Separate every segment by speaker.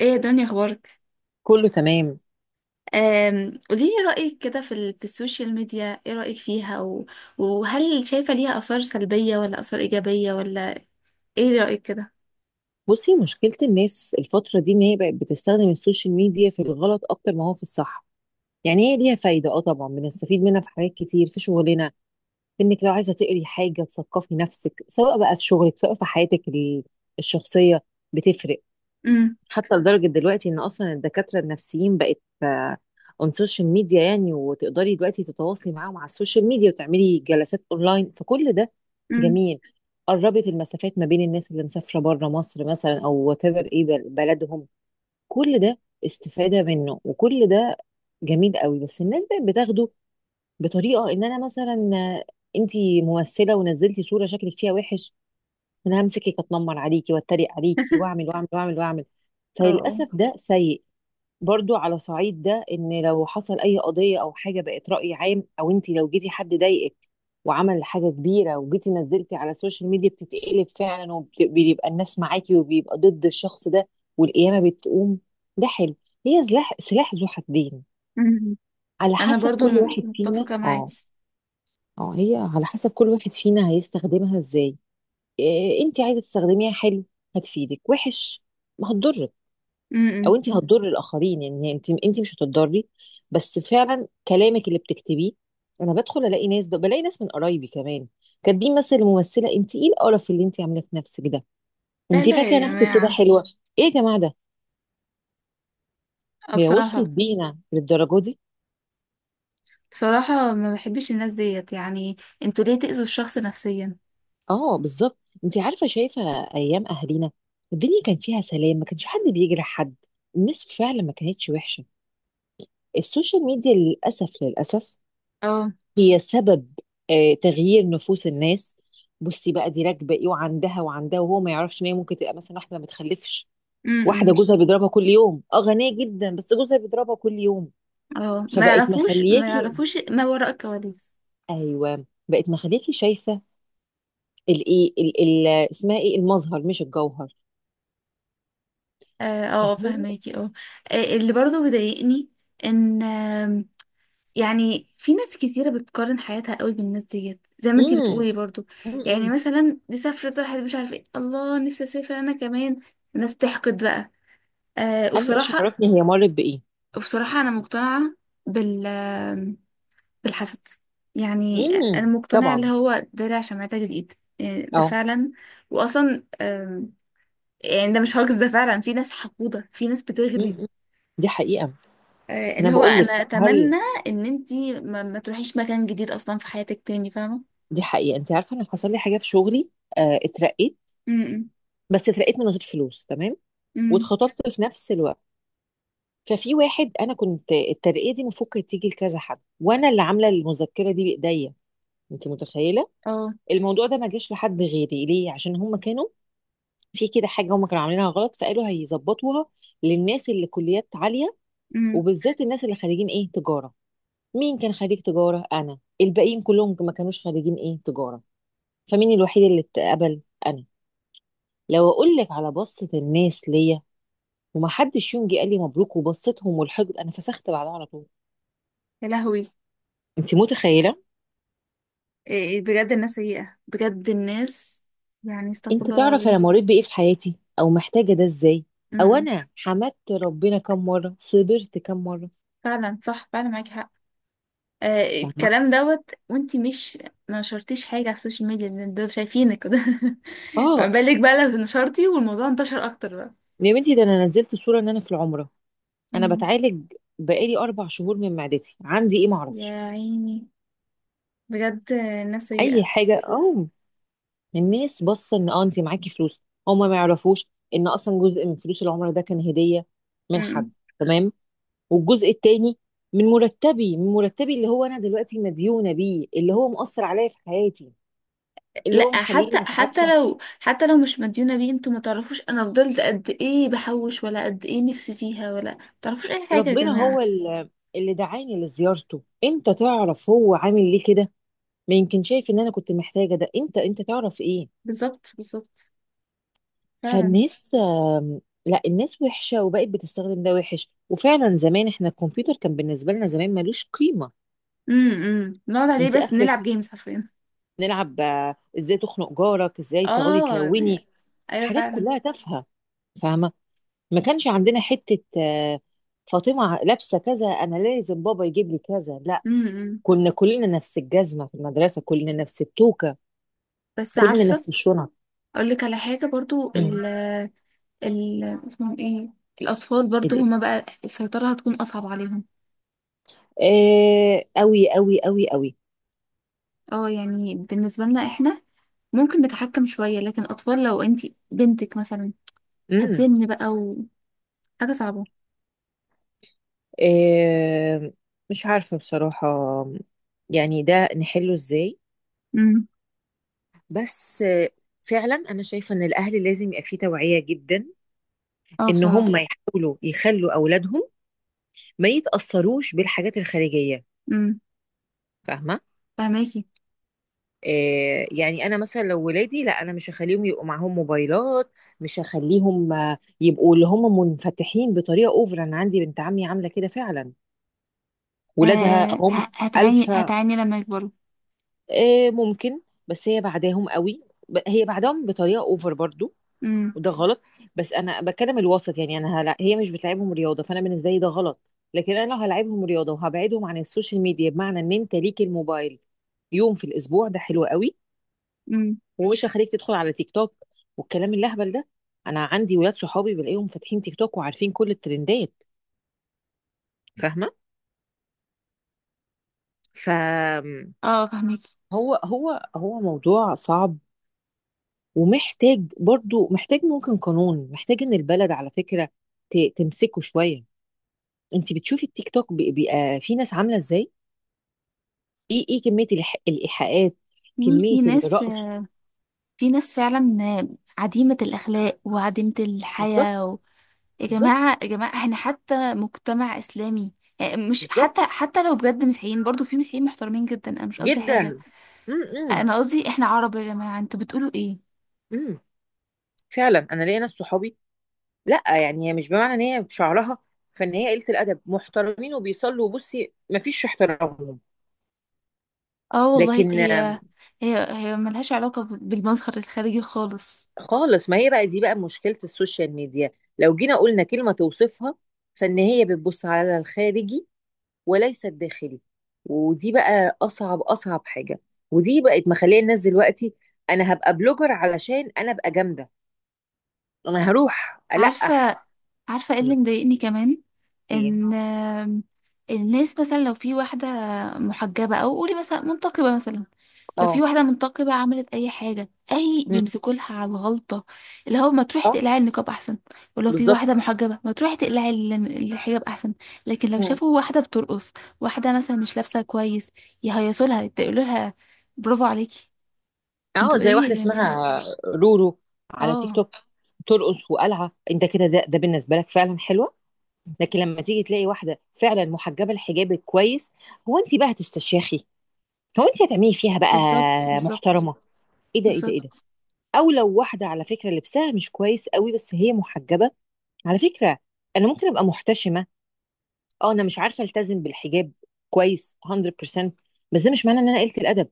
Speaker 1: ايه يا دنيا اخبارك؟
Speaker 2: كله تمام.
Speaker 1: قوليلي رأيك كده في السوشيال ميديا. ايه رأيك فيها؟ و- وهل شايفة ليها آثار سلبية ولا آثار إيجابية ولا ايه رأيك كده؟
Speaker 2: بصي، مشكلة الناس الفترة دي ان هي بقت بتستخدم السوشيال ميديا في الغلط اكتر ما هو في الصح. يعني هي ليها فايدة، اه طبعا بنستفيد منها في حاجات كتير في شغلنا، في انك لو عايزة تقري حاجة تثقفي نفسك سواء بقى في شغلك سواء في حياتك الشخصية، بتفرق.
Speaker 1: امم.
Speaker 2: حتى لدرجة دلوقتي ان اصلا الدكاترة النفسيين بقت اون سوشيال ميديا، يعني وتقدري دلوقتي تتواصلي معاهم على السوشيال ميديا وتعملي جلسات اونلاين، فكل ده
Speaker 1: امم.
Speaker 2: جميل. قربت المسافات ما بين الناس اللي مسافرة بره مصر مثلا او وات ايفر ايه بلدهم. كل ده استفادة منه وكل ده جميل قوي. بس الناس بقت بتاخده بطريقة ان انا مثلا، انتي ممثلة ونزلتي صورة شكلك فيها وحش، انا همسكك اتنمر عليكي واتريق عليكي واعمل واعمل واعمل واعمل.
Speaker 1: اه.
Speaker 2: فللاسف ده سيء. برضو على صعيد ده، ان لو حصل اي قضيه او حاجه بقت راي عام، او انت لو جيتي حد ضايقك وعمل حاجه كبيره وجيتي نزلتي على السوشيال ميديا، بتتقلب فعلا وبيبقى الناس معاكي وبيبقى ضد الشخص ده والقيامه بتقوم. ده حلو. هي سلاح ذو حدين،
Speaker 1: أمم.
Speaker 2: على
Speaker 1: انا
Speaker 2: حسب
Speaker 1: برضو
Speaker 2: كل واحد فينا.
Speaker 1: متفقة
Speaker 2: اه،
Speaker 1: معاكي.
Speaker 2: اه هي على حسب كل واحد فينا هيستخدمها ازاي. إيه، انت عايزه تستخدميها حلو هتفيدك، وحش ما هتضرك.
Speaker 1: امم امم.
Speaker 2: او انت هتضر الاخرين، يعني انت مش هتضري، بس فعلا كلامك اللي بتكتبيه. انا بدخل الاقي ناس بلاقي ناس من قرايبي كمان كاتبين مثلا، الممثله انت ايه القرف اللي انت عاملاه في نفسك ده،
Speaker 1: لا
Speaker 2: انت
Speaker 1: لا
Speaker 2: فاكره
Speaker 1: يا
Speaker 2: نفسك كده
Speaker 1: جماعة،
Speaker 2: حلوه. ايه يا جماعه ده، هي وصلت
Speaker 1: بصراحة،
Speaker 2: بينا للدرجه دي؟
Speaker 1: بصراحة ما بحبش الناس ديت يعني. انتوا ليه تأذوا الشخص نفسيا؟
Speaker 2: اه، بالظبط. انت عارفه شايفه، ايام اهالينا الدنيا كان فيها سلام، ما كانش حد بيجرح حد. الناس فعلا ما كانتش وحشه. السوشيال ميديا للاسف للاسف
Speaker 1: اه.
Speaker 2: هي سبب تغيير نفوس الناس. بصي بقى، دي راكبه ايه وعندها وعندها، وهو ما يعرفش ان هي ممكن تبقى مثلا واحده ما بتخلفش،
Speaker 1: امم.
Speaker 2: واحده
Speaker 1: امم.
Speaker 2: جوزها بيضربها كل يوم. اه غنيه جدا بس جوزها بيضربها كل يوم.
Speaker 1: اه، ما
Speaker 2: فبقت
Speaker 1: يعرفوش، ما
Speaker 2: مخلياكي،
Speaker 1: يعرفوش ما وراء الكواليس.
Speaker 2: ايوه بقت مخلياكي شايفه الايه اسمها ايه، المظهر مش الجوهر.
Speaker 1: اه.
Speaker 2: فهي
Speaker 1: فهماكي. اه. اللي برضو بيضايقني ان يعني في ناس كتيرة بتقارن حياتها قوي بالناس ديت زي ما انتي بتقولي
Speaker 2: امم
Speaker 1: برضو. يعني
Speaker 2: امم
Speaker 1: مثلا دي سافرت، راحت، مش عارفة ايه، الله نفسي اسافر انا كمان. الناس بتحقد بقى. أه،
Speaker 2: انا ايش
Speaker 1: وبصراحة
Speaker 2: عرفني هي مرت بايه.
Speaker 1: وبصراحة انا مقتنعة بال بالحسد. يعني انا مقتنعة اللي
Speaker 2: طبعا.
Speaker 1: هو درع شمعتك الايد. ده
Speaker 2: اه.
Speaker 1: فعلا. واصلا يعني ده مش هاجس، ده فعلا في ناس حقودة، في ناس بتغري.
Speaker 2: امم دي حقيقه. انا
Speaker 1: اللي هو
Speaker 2: بقول لك،
Speaker 1: انا
Speaker 2: هل
Speaker 1: اتمنى ان انتي ما تروحيش مكان جديد اصلا في حياتك تاني، فاهمه؟
Speaker 2: دي حقيقة؟ انت عارفة انا حصل لي حاجة في شغلي، اترقيت.
Speaker 1: امم.
Speaker 2: بس اترقيت من غير فلوس، تمام،
Speaker 1: امم.
Speaker 2: واتخطبت في نفس الوقت. ففي واحد، انا كنت الترقية دي المفروض كانت تيجي لكذا حد وانا اللي عاملة المذكرة دي بايديا، انت متخيلة؟
Speaker 1: اه.
Speaker 2: الموضوع ده ما جاش لحد غيري ليه؟ عشان هم كانوا في كده حاجة، هم كانوا عاملينها غلط فقالوا هيظبطوها للناس اللي كليات عالية،
Speaker 1: امم.
Speaker 2: وبالذات الناس اللي خريجين ايه تجارة. مين كان خريج تجارة؟ انا. الباقيين كلهم ما كانوش خريجين ايه تجارة. فمين الوحيد اللي اتقبل؟ انا. لو اقول لك على بصة الناس ليا، ومحدش يوم جه قال لي مبروك، وبصتهم والحقد، انا فسخت بعدها على طول.
Speaker 1: يا لهوي،
Speaker 2: انت متخيلة؟
Speaker 1: إيه، بجد الناس سيئه، بجد الناس، يعني استغفر
Speaker 2: انت
Speaker 1: الله
Speaker 2: تعرف انا
Speaker 1: العظيم.
Speaker 2: مريت بايه في حياتي، او محتاجة ده ازاي، او
Speaker 1: امم.
Speaker 2: انا حمدت ربنا كم مرة، صبرت كم مرة،
Speaker 1: فعلا صح، فعلا معاكي حق.
Speaker 2: فاهمة؟
Speaker 1: الكلام دوت، وانتي مش نشرتيش حاجه على السوشيال ميديا، إن دول شايفينك كده. ما
Speaker 2: اه
Speaker 1: بالك بقى لو نشرتي والموضوع انتشر اكتر بقى؟
Speaker 2: يا بنتي، ده انا نزلت صورة ان انا في العمرة، انا
Speaker 1: امم.
Speaker 2: بتعالج بقالي 4 شهور من معدتي، عندي ايه معرفش،
Speaker 1: يا عيني، بجد الناس
Speaker 2: اي
Speaker 1: سيئه.
Speaker 2: حاجة. اه الناس باصة ان انت معاكي فلوس، هما ما يعرفوش ان اصلا جزء من فلوس العمرة ده كان هدية من حد، تمام، والجزء التاني من مرتبي اللي هو انا دلوقتي مديونه بيه، اللي هو مؤثر عليا في حياتي، اللي هو
Speaker 1: لا،
Speaker 2: مخليني
Speaker 1: حتى
Speaker 2: مش عارفه.
Speaker 1: حتى لو، حتى لو مش مديونة بيه، انتوا ما تعرفوش انا فضلت قد ايه بحوش، ولا قد ايه نفسي فيها، ولا ما تعرفوش اي حاجة يا
Speaker 2: ربنا هو
Speaker 1: جماعة.
Speaker 2: اللي دعاني لزيارته، انت تعرف هو عامل ليه كده؟ ما يمكن شايف ان انا كنت محتاجه ده، انت تعرف ايه.
Speaker 1: بالظبط، بالظبط. فعلا.
Speaker 2: فالناس آم، لا، الناس وحشه وبقت بتستخدم ده وحش. وفعلا زمان احنا الكمبيوتر كان بالنسبه لنا زمان ملوش قيمه،
Speaker 1: امم، نقعد عليه
Speaker 2: انت
Speaker 1: بس
Speaker 2: اخرك
Speaker 1: نلعب جيمز حرفيا.
Speaker 2: نلعب ازاي تخنق جارك، ازاي تقعدي
Speaker 1: اه،
Speaker 2: تلوني،
Speaker 1: ايوه
Speaker 2: حاجات
Speaker 1: فعلا.
Speaker 2: كلها تافهه، فاهمه. ما كانش عندنا حتة فاطمة لابسة كذا، أنا لازم بابا يجيب لي كذا. لا،
Speaker 1: امم.
Speaker 2: كنا كلنا نفس الجزمة في المدرسة، كلنا نفس التوكة،
Speaker 1: بس
Speaker 2: كلنا
Speaker 1: عارفة،
Speaker 2: نفس الشنط.
Speaker 1: اقول لك على حاجة برضو،
Speaker 2: امم
Speaker 1: ال اسمهم ايه، الاطفال برضو هما بقى السيطرة هتكون اصعب عليهم.
Speaker 2: أوي أوي أوي أوي.
Speaker 1: اه، يعني بالنسبة لنا احنا ممكن نتحكم شوية، لكن اطفال لو انتي بنتك مثلا
Speaker 2: امم
Speaker 1: هتزن بقى، وحاجة صعبة.
Speaker 2: آه مش عارفة بصراحة يعني ده نحله إزاي.
Speaker 1: امم.
Speaker 2: بس فعلا أنا شايفة إن الأهل لازم يبقى فيه توعية جدا،
Speaker 1: اه،
Speaker 2: إن
Speaker 1: بصراحة.
Speaker 2: هم يحاولوا يخلوا أولادهم ما يتأثروش بالحاجات الخارجية،
Speaker 1: امم.
Speaker 2: فاهمة؟
Speaker 1: فهماكي.
Speaker 2: يعني انا مثلا لو ولادي، لا انا مش هخليهم يبقوا معاهم موبايلات، مش هخليهم يبقوا اللي هم منفتحين بطريقه اوفر. انا عندي بنت عمي عامله كده فعلا، ولادها
Speaker 1: آه،
Speaker 2: هم
Speaker 1: هتعاني،
Speaker 2: الفا.
Speaker 1: هتعاني لما يكبروا.
Speaker 2: ممكن، بس هي بعداهم قوي، هي بعدهم بطريقه اوفر برضو،
Speaker 1: امم.
Speaker 2: وده غلط. بس انا بتكلم الوسط. يعني انا هلا هي مش بتلعبهم رياضه، فانا بالنسبه لي ده غلط، لكن انا لو هلعبهم رياضه وهبعدهم عن السوشيال ميديا بمعنى ان انت ليك الموبايل يوم في الاسبوع، ده حلو قوي،
Speaker 1: امم.
Speaker 2: ومش هخليك تدخل على تيك توك والكلام اللهبل ده. انا عندي ولاد صحابي بلاقيهم فاتحين تيك توك وعارفين كل الترندات، فاهمه. ف
Speaker 1: اه، فهماكي.
Speaker 2: هو موضوع صعب، ومحتاج، برضو محتاج، ممكن قانون، محتاج ان البلد على فكره تمسكه شويه. انت بتشوفي التيك توك، بيبقى في ناس عامله ازاي؟ ايه كميه الايحاءات،
Speaker 1: في،
Speaker 2: كميه
Speaker 1: في ناس
Speaker 2: الرقص.
Speaker 1: في ناس فعلا عديمة الأخلاق وعديمة
Speaker 2: بالظبط.
Speaker 1: الحياة و يا
Speaker 2: بالظبط
Speaker 1: جماعة، يا جماعة، احنا حتى مجتمع إسلامي. مش
Speaker 2: بالظبط
Speaker 1: حتى، حتى لو بجد مسيحيين، برضو في مسيحيين محترمين جدا، انا مش قصدي
Speaker 2: جدا.
Speaker 1: حاجة.
Speaker 2: امم امم
Speaker 1: انا قصدي احنا عرب يا جماعة، انتوا بتقولوا ايه؟
Speaker 2: إمم. فعلا انا ليا ناس صحابي، لا يعني هي مش بمعنى ان هي شعرها فان هي قلة الادب، محترمين وبيصلوا، وبصي مفيش احترامهم.
Speaker 1: اه والله،
Speaker 2: لكن
Speaker 1: هي هي هي ملهاش علاقة بالمظهر الخارجي خالص.
Speaker 2: خالص. ما هي بقى دي بقى مشكلة السوشيال ميديا، لو جينا قلنا كلمة توصفها، فان هي بتبص على الخارجي وليس الداخلي، ودي بقى اصعب اصعب حاجة، ودي بقت مخليه الناس دلوقتي، انا هبقى بلوجر علشان انا ابقى جامدة، انا هروح القح.
Speaker 1: عارفة، عارفة ايه
Speaker 2: م.
Speaker 1: اللي مضايقني كمان؟
Speaker 2: ايه.
Speaker 1: ان الناس مثلا لو في واحدة محجبة او قولي مثلا منتقبة مثلا، لو في
Speaker 2: اه.
Speaker 1: واحدة منتقبة عملت اي حاجة، اي
Speaker 2: م.
Speaker 1: بيمسكوا لها على الغلطة، اللي هو ما تروحي
Speaker 2: اه.
Speaker 1: تقلعي النقاب احسن. ولو في
Speaker 2: بالظبط.
Speaker 1: واحدة محجبة، ما تروحي تقلعي الحجاب احسن. لكن لو شافوا واحدة بترقص، واحدة مثلا مش لابسة كويس، يهيصوا لها، يقولوا لها برافو عليكي.
Speaker 2: اه،
Speaker 1: انتوا
Speaker 2: زي
Speaker 1: ايه يا
Speaker 2: واحده اسمها
Speaker 1: جماعة؟
Speaker 2: رورو على تيك
Speaker 1: اه،
Speaker 2: توك، ترقص وقلعه، انت كده ده بالنسبه لك فعلا حلوه. لكن لما تيجي تلاقي واحده فعلا محجبه الحجاب الكويس، هو انت بقى هتستشيخي؟ هو انت هتعملي فيها بقى
Speaker 1: بالظبط، بالظبط.
Speaker 2: محترمه، ايه ده ايه ده ايه ده؟
Speaker 1: بالظبط.
Speaker 2: او لو واحده على فكره لبسها مش كويس قوي بس هي محجبه، على فكره انا ممكن ابقى محتشمه، اه انا مش عارفه التزم بالحجاب كويس 100%، بس ده مش معناه ان انا قلت الادب.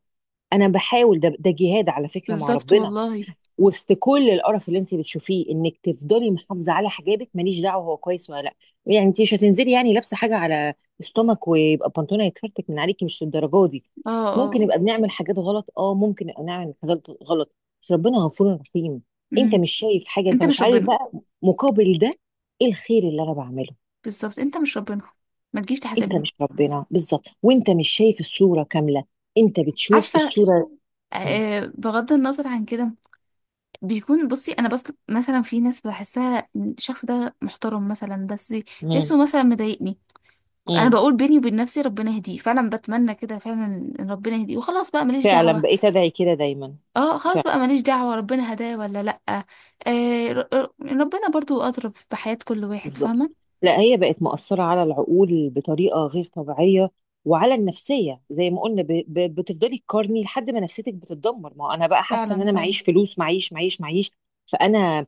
Speaker 2: انا بحاول، ده جهاد على فكره مع
Speaker 1: بالظبط
Speaker 2: ربنا.
Speaker 1: والله.
Speaker 2: وسط كل القرف اللي انت بتشوفيه انك تفضلي محافظه على حجابك، ماليش دعوه هو كويس ولا لا. يعني انت مش هتنزلي يعني لابسه حاجه على استومك ويبقى البنطلون هيتفرتك من عليكي، مش للدرجه دي.
Speaker 1: اه.
Speaker 2: ممكن
Speaker 1: اه.
Speaker 2: نبقى بنعمل حاجات غلط، اه ممكن نبقى نعمل حاجات غلط، بس ربنا غفور رحيم. انت
Speaker 1: امم.
Speaker 2: مش شايف حاجه، انت
Speaker 1: انت
Speaker 2: مش
Speaker 1: مش
Speaker 2: عارف
Speaker 1: ربنا،
Speaker 2: بقى مقابل ده ايه الخير اللي انا بعمله.
Speaker 1: بالظبط. انت مش ربنا، ما تجيش
Speaker 2: انت
Speaker 1: تحاسبني.
Speaker 2: مش ربنا بالظبط، وانت مش شايف الصوره كامله، انت بتشوف
Speaker 1: عارفه.
Speaker 2: الصوره. مم.
Speaker 1: آه، بغض النظر عن كده، بيكون بصي انا بس مثلا في ناس بحسها إن الشخص ده محترم مثلا، بس
Speaker 2: مم.
Speaker 1: لبسه مثلا مضايقني. انا
Speaker 2: مم.
Speaker 1: بقول بيني وبين نفسي ربنا يهديه فعلا، بتمنى كده فعلا، ان ربنا يهديه، وخلاص بقى ماليش
Speaker 2: فعلا
Speaker 1: دعوه.
Speaker 2: بقيت ادعي كده دايما.
Speaker 1: اه، خلاص بقى ماليش دعوه، ربنا هداه ولا لا، آه، ربنا برضو اضرب بحياه كل واحد،
Speaker 2: بالظبط.
Speaker 1: فاهمه؟
Speaker 2: لا هي بقت مؤثرة على العقول بطريقة غير طبيعية، وعلى النفسية زي ما قلنا، بتفضلي تقارني لحد ما نفسيتك بتتدمر. ما هو انا بقى حاسة ان
Speaker 1: فعلا،
Speaker 2: انا
Speaker 1: فعلا،
Speaker 2: معيش فلوس، معيش معيش معيش. فانا،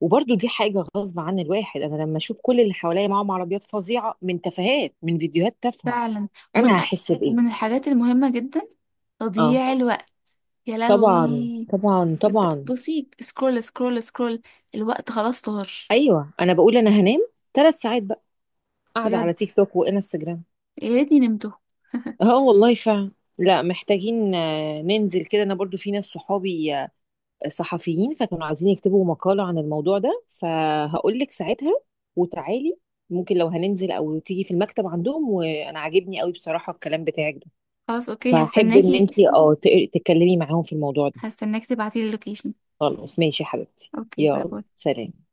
Speaker 2: وبرضو دي حاجة غصب عن الواحد، انا لما اشوف كل اللي حواليا معاهم عربيات فظيعة من تفاهات، من فيديوهات تافهة،
Speaker 1: فعلا. ومن
Speaker 2: انا
Speaker 1: أ-
Speaker 2: هحس
Speaker 1: ومن
Speaker 2: بايه؟
Speaker 1: الحاجات المهمة جدا
Speaker 2: اه
Speaker 1: تضييع الوقت. يا
Speaker 2: طبعا
Speaker 1: لهوي.
Speaker 2: طبعا طبعا.
Speaker 1: بصي، سكرول سكرول سكرول، الوقت خلاص طار.
Speaker 2: ايوه انا بقول انا هنام 3 ساعات بقى قاعدة
Speaker 1: بجد،
Speaker 2: على تيك توك وانستجرام.
Speaker 1: يا ريتني نمته.
Speaker 2: اه والله فعلا. لا محتاجين ننزل كده، انا برضو في ناس صحابي صحفيين، فكانوا عايزين يكتبوا مقالة عن الموضوع ده، فهقول لك ساعتها وتعالي. ممكن لو هننزل او تيجي في المكتب عندهم، وانا عاجبني قوي بصراحة الكلام بتاعك ده،
Speaker 1: خلاص اوكي،
Speaker 2: فاحب ان
Speaker 1: هستناكي.
Speaker 2: انتي تتكلمي معاهم في الموضوع ده.
Speaker 1: هستناك تبعتيلي اللوكيشن.
Speaker 2: خلاص ماشي يا حبيبتي.
Speaker 1: اوكي، باي
Speaker 2: يلا
Speaker 1: باي.
Speaker 2: سلام.